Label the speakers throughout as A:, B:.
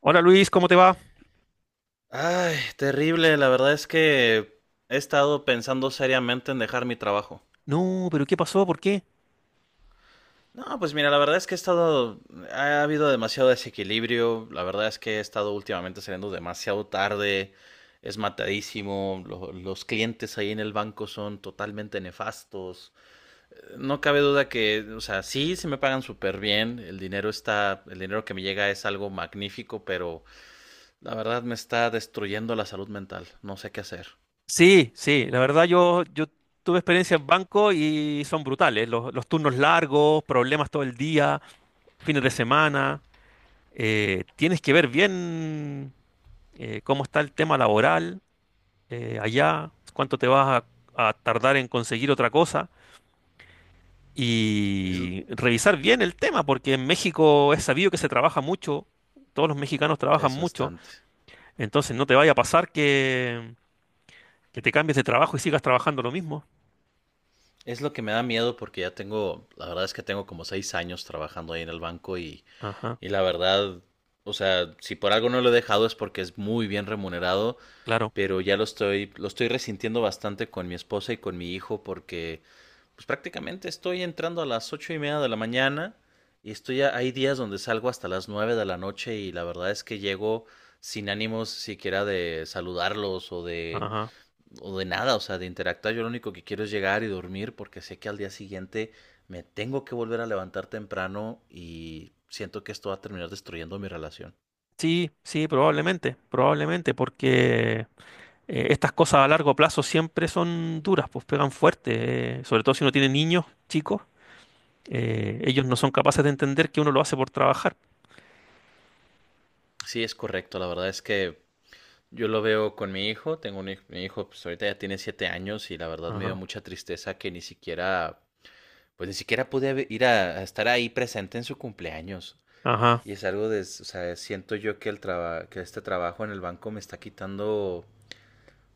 A: Hola Luis, ¿cómo te va?
B: Ay, terrible. La verdad es que he estado pensando seriamente en dejar mi trabajo.
A: No, pero ¿qué pasó? ¿Por qué?
B: No, pues mira, la verdad es que ha habido demasiado desequilibrio. La verdad es que he estado últimamente saliendo demasiado tarde. Es matadísimo. Los clientes ahí en el banco son totalmente nefastos. No cabe duda que, o sea, sí, se me pagan súper bien. El dinero que me llega es algo magnífico, pero la verdad me está destruyendo la salud mental. No sé qué hacer.
A: Sí, sí, la verdad yo tuve experiencia en banco y son brutales. Los turnos largos, problemas todo el día, fines de semana. Tienes que ver bien cómo está el tema laboral allá, cuánto te vas a tardar en conseguir otra cosa
B: Es,
A: y revisar bien el tema, porque en México es sabido que se trabaja mucho, todos los mexicanos trabajan
B: Es
A: mucho,
B: bastante.
A: entonces no te vaya a pasar que... Que te cambies de trabajo y sigas trabajando lo mismo.
B: Es lo que me da miedo porque ya tengo, la verdad es que tengo como seis años trabajando ahí en el banco
A: Ajá,
B: y la verdad, o sea, si por algo no lo he dejado es porque es muy bien remunerado,
A: claro.
B: pero lo estoy resintiendo bastante con mi esposa y con mi hijo porque pues prácticamente estoy entrando a las ocho y media de la mañana y hay días donde salgo hasta las nueve de la noche y la verdad es que llego sin ánimos siquiera de saludarlos o de
A: Ajá.
B: o de nada, o sea, de interactuar. Yo lo único que quiero es llegar y dormir porque sé que al día siguiente me tengo que volver a levantar temprano y siento que esto va a terminar destruyendo mi relación.
A: Sí, sí, probablemente, probablemente, porque estas cosas a largo plazo siempre son duras, pues pegan fuerte, sobre todo si uno tiene niños chicos, ellos no son capaces de entender que uno lo hace por trabajar.
B: Sí, es correcto. La verdad es que yo lo veo con mi hijo. Tengo un hijo, mi hijo pues ahorita ya tiene siete años y la verdad me dio
A: Ajá,
B: mucha tristeza que ni siquiera, pues ni siquiera ir a estar ahí presente en su cumpleaños.
A: ajá.
B: Y es algo de, o sea, siento yo que este trabajo en el banco me está quitando,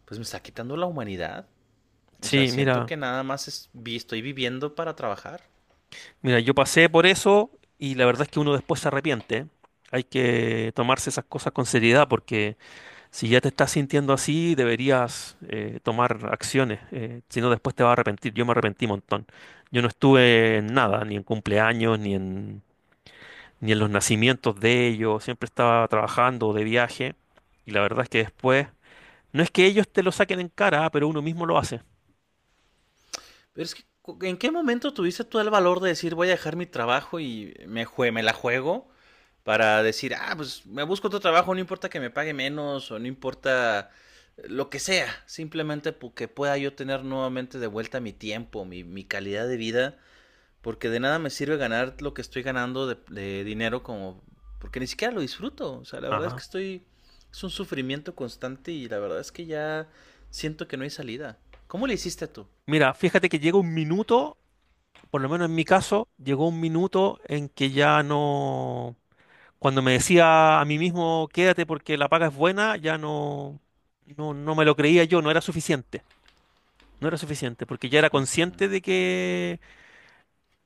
B: pues me está quitando la humanidad. O sea,
A: Sí,
B: siento
A: mira,
B: que nada más estoy viviendo para trabajar.
A: mira, yo pasé por eso y la verdad es que uno después se arrepiente, ¿eh? Hay que tomarse esas cosas con seriedad porque si ya te estás sintiendo así, deberías tomar acciones, si no después te vas a arrepentir. Yo me arrepentí un montón. Yo no estuve en nada, ni en cumpleaños, ni en, ni en los nacimientos de ellos. Siempre estaba trabajando o de viaje. Y la verdad es que después, no es que ellos te lo saquen en cara, ah, pero uno mismo lo hace.
B: Pero es que, ¿en qué momento tuviste tú el valor de decir voy a dejar mi trabajo y me la juego para decir, ah, pues me busco otro trabajo, no importa que me pague menos o no importa lo que sea, simplemente porque pueda yo tener nuevamente de vuelta mi tiempo, mi calidad de vida? Porque de nada me sirve ganar lo que estoy ganando de dinero como... Porque ni siquiera lo disfruto. O sea, la verdad es
A: Ajá.
B: que estoy... Es un sufrimiento constante y la verdad es que ya siento que no hay salida. ¿Cómo le hiciste tú?
A: Mira, fíjate que llega un minuto, por lo menos en mi caso, llegó un minuto en que ya no... Cuando me decía a mí mismo, quédate porque la paga es buena, ya no, no, no me lo creía yo, no era suficiente. No era suficiente, porque ya era
B: Ujú.
A: consciente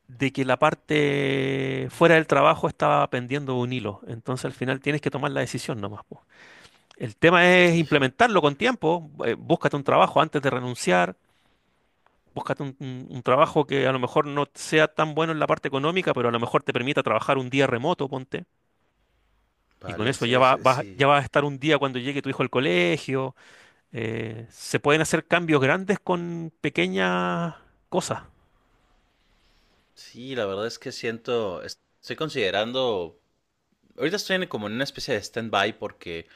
A: de que la parte fuera del trabajo estaba pendiendo un hilo. Entonces al final tienes que tomar la decisión nomás, po. El tema es
B: Híjole.
A: implementarlo con tiempo. Búscate un trabajo antes de renunciar. Búscate un trabajo que a lo mejor no sea tan bueno en la parte económica, pero a lo mejor te permita trabajar un día remoto, ponte. Y con
B: Vale,
A: eso ya
B: sí, sí,
A: ya
B: sí.
A: va a estar un día cuando llegue tu hijo al colegio. Se pueden hacer cambios grandes con pequeñas cosas.
B: Sí, la verdad es que siento... Estoy considerando... Ahorita como en una especie de stand-by porque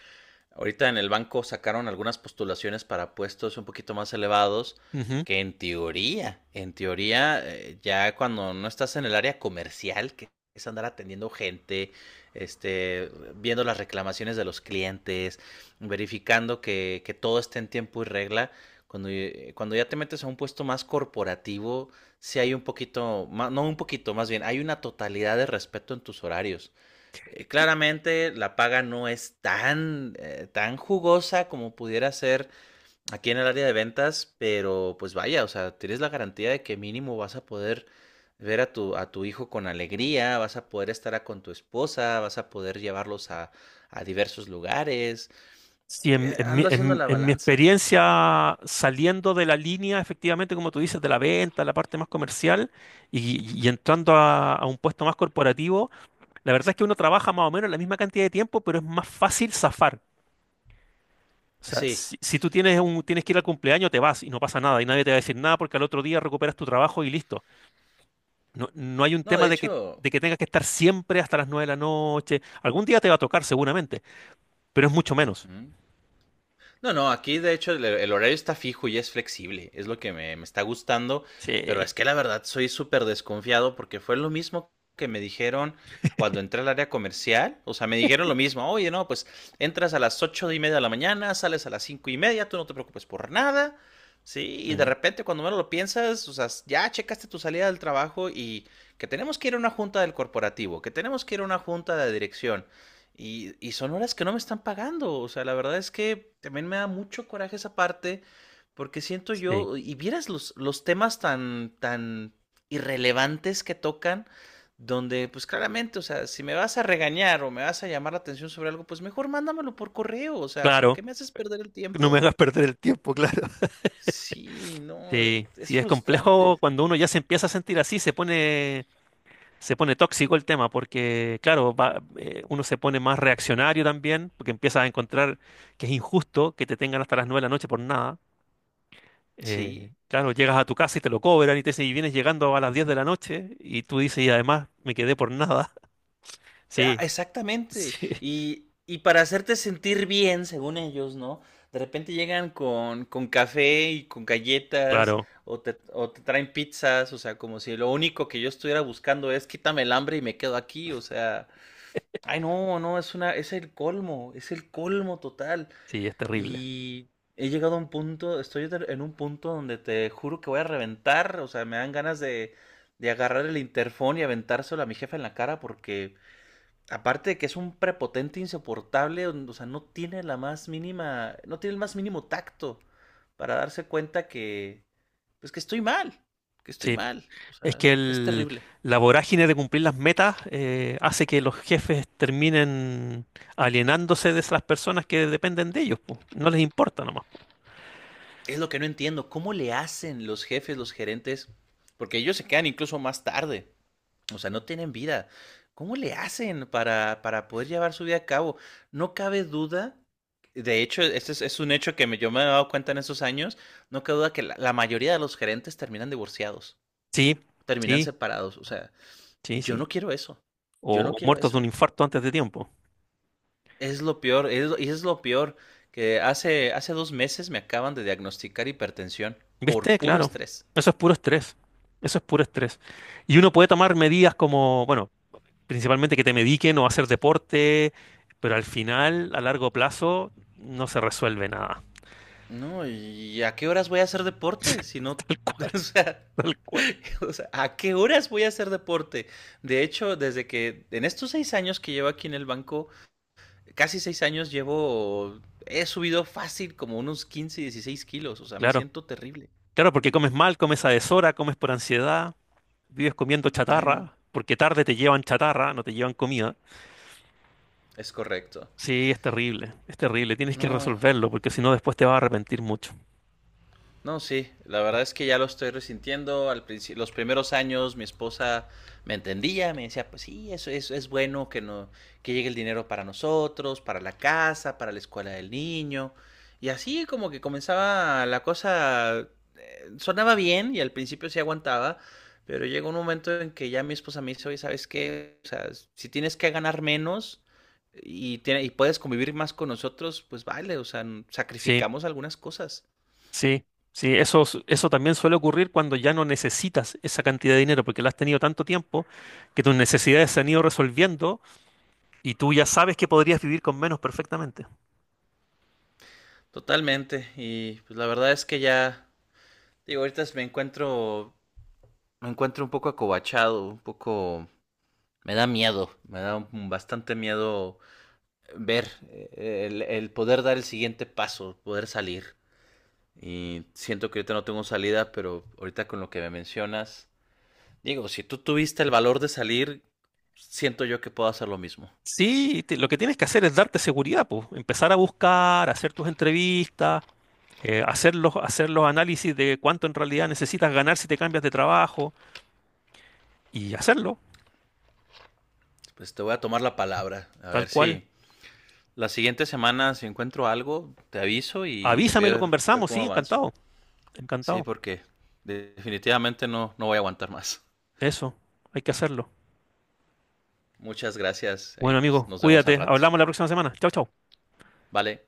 B: ahorita en el banco sacaron algunas postulaciones para puestos un poquito más elevados
A: Ujú.
B: que en teoría, ya cuando no estás en el área comercial, que es andar atendiendo gente, este, viendo las reclamaciones de los clientes, verificando que todo esté en tiempo y regla, cuando ya te metes a un puesto más corporativo, sí hay un poquito, más, no un poquito, más bien, hay una totalidad de respeto en tus horarios. Claramente la paga no es tan, tan jugosa como pudiera ser aquí en el área de ventas, pero pues vaya, o sea, tienes la garantía de que mínimo vas a poder ver a a tu hijo con alegría, vas a poder con tu esposa, vas a poder llevarlos a diversos lugares.
A: Sí,
B: Ando haciendo la
A: en mi
B: balanza.
A: experiencia saliendo de la línea, efectivamente, como tú dices, de la venta, la parte más comercial, y, y entrando a un puesto más corporativo, la verdad es que uno trabaja más o menos la misma cantidad de tiempo, pero es más fácil zafar. O sea,
B: Sí.
A: si tú tienes un, tienes que ir al cumpleaños, te vas y no pasa nada, y nadie te va a decir nada porque al otro día recuperas tu trabajo y listo. No, no hay un
B: No,
A: tema
B: de
A: de
B: hecho,
A: de que tengas que estar siempre hasta las 9 de la noche. Algún día te va a tocar seguramente, pero es mucho menos.
B: ujú. No, no, aquí de hecho el horario está fijo y es flexible, es lo que me está gustando, pero
A: Sí.
B: es que la verdad soy súper desconfiado porque fue lo mismo que me dijeron cuando entré al área comercial, o sea, me dijeron lo mismo, oye, no, pues entras a las ocho y media de la mañana, sales a las cinco y media, tú no te preocupes por nada, ¿sí? Y de
A: Mm,
B: repente cuando menos lo piensas, o sea, ya checaste tu salida del trabajo y que tenemos que ir a una junta del corporativo, que tenemos que ir a una junta de dirección, y son horas que no me están pagando. O sea, la verdad es que también me da mucho coraje esa parte, porque siento
A: sí,
B: yo, y vieras los temas tan, tan irrelevantes que tocan, donde pues claramente, o sea, si me vas a regañar o me vas a llamar la atención sobre algo, pues mejor mándamelo por correo. O sea, ¿por
A: claro.
B: qué me haces perder el
A: No me
B: tiempo?
A: hagas perder el tiempo, claro.
B: Sí, no,
A: Sí,
B: es
A: sí, es complejo
B: frustrante.
A: cuando uno ya se empieza a sentir así, se pone tóxico el tema, porque claro, va- uno se pone más reaccionario también, porque empieza a encontrar que es injusto que te tengan hasta las nueve de la noche por nada.
B: Sí.
A: Claro, llegas a tu casa y te lo cobran y te dicen, y vienes llegando a las 10 de la noche y tú dices, y además me quedé por nada.
B: Ah,
A: Sí,
B: exactamente.
A: sí,
B: Y para hacerte sentir bien, según ellos, ¿no? De repente llegan con café y con galletas
A: claro,
B: o te traen pizzas, o sea, como si lo único que yo estuviera buscando es quítame el hambre y me quedo aquí, o sea, ay no, no, es una, es el colmo total.
A: sí, es terrible.
B: Y he llegado a un punto, en un punto donde te juro que voy a reventar, o sea, me dan ganas de agarrar el interfón y aventárselo a mi jefe en la cara porque aparte de que es un prepotente insoportable, o sea, no tiene la más mínima, no tiene el más mínimo tacto para darse cuenta que, pues que estoy
A: Sí,
B: mal, o
A: es
B: sea,
A: que
B: es
A: el,
B: terrible.
A: la vorágine de cumplir las metas hace que los jefes terminen alienándose de esas personas que dependen de ellos, po. No les importa nomás, po.
B: Es lo que no entiendo, ¿cómo le hacen los jefes, los gerentes? Porque ellos se quedan incluso más tarde. O sea, no tienen vida. ¿Cómo le hacen para poder llevar su vida a cabo? No cabe duda, de hecho, es un hecho yo me he dado cuenta en esos años, no cabe duda que la mayoría de los gerentes terminan divorciados,
A: Sí,
B: terminan
A: sí,
B: separados. O sea,
A: sí,
B: yo
A: sí.
B: no quiero eso, yo no
A: O
B: quiero
A: muertos de un
B: eso.
A: infarto antes de tiempo.
B: Es lo peor, y es lo peor, que hace dos meses me acaban de diagnosticar hipertensión por
A: ¿Viste?
B: puro
A: Claro.
B: estrés.
A: Eso es puro estrés. Eso es puro estrés. Y uno puede tomar medidas como, bueno, principalmente que te mediquen o hacer deporte, pero al final, a largo plazo, no se resuelve nada.
B: No, ¿y a qué horas voy a hacer deporte? Si no,
A: Tal cual,
B: o sea,
A: tal cual.
B: o sea, ¿a qué horas voy a hacer deporte? De hecho, desde que en estos seis años que llevo aquí en el banco, casi seis años llevo, he subido fácil como unos 15, 16 kilos, o sea, me
A: Claro,
B: siento terrible.
A: claro, porque comes mal, comes a deshora, comes por ansiedad, vives comiendo
B: Ay, no,
A: chatarra, porque tarde te llevan chatarra, no te llevan comida.
B: es correcto.
A: Sí, es terrible, es terrible. Tienes que
B: No,
A: resolverlo, porque si no, después te vas a arrepentir mucho.
B: no, sí, la verdad es que ya lo estoy resintiendo. Los primeros años mi esposa me entendía, me decía, pues sí, es bueno que no, que llegue el dinero para nosotros, para la casa, para la escuela del niño. Y así como que comenzaba la cosa, sonaba bien y al principio sí aguantaba, pero llegó un momento en que ya mi esposa me dice, oye, ¿sabes qué? O sea, si tienes que ganar menos y, y puedes convivir más con nosotros, pues vale, o sea,
A: Sí,
B: sacrificamos algunas cosas.
A: sí. Sí, eso, s- eso también suele ocurrir cuando ya no necesitas esa cantidad de dinero, porque la has tenido tanto tiempo que tus necesidades se han ido resolviendo y tú ya sabes que podrías vivir con menos perfectamente.
B: Totalmente. Y pues la verdad es que ya, digo, ahorita me encuentro un poco acobachado, un poco, me da miedo, bastante miedo ver el poder dar el siguiente paso, poder salir. Y siento que ahorita no tengo salida, pero ahorita con lo que me mencionas, digo, si tú tuviste el valor de salir, siento yo que puedo hacer lo mismo.
A: Sí, te- lo que tienes que hacer es darte seguridad, pues. Empezar a buscar, hacer tus entrevistas, hacer los análisis de cuánto en realidad necesitas ganar si te cambias de trabajo y hacerlo,
B: Pues te voy a tomar la palabra, a
A: tal
B: ver
A: cual.
B: si la siguiente semana si encuentro algo, te aviso y
A: Avísame y lo
B: ver, ver
A: conversamos,
B: cómo
A: sí,
B: avanzo.
A: encantado,
B: Sí,
A: encantado.
B: porque definitivamente no, no voy a aguantar más.
A: Eso, hay que hacerlo.
B: Muchas gracias.
A: Bueno,
B: Ahí pues,
A: amigo,
B: nos vemos al
A: cuídate.
B: rato.
A: Hablamos la próxima semana. Chao, chao.
B: Vale.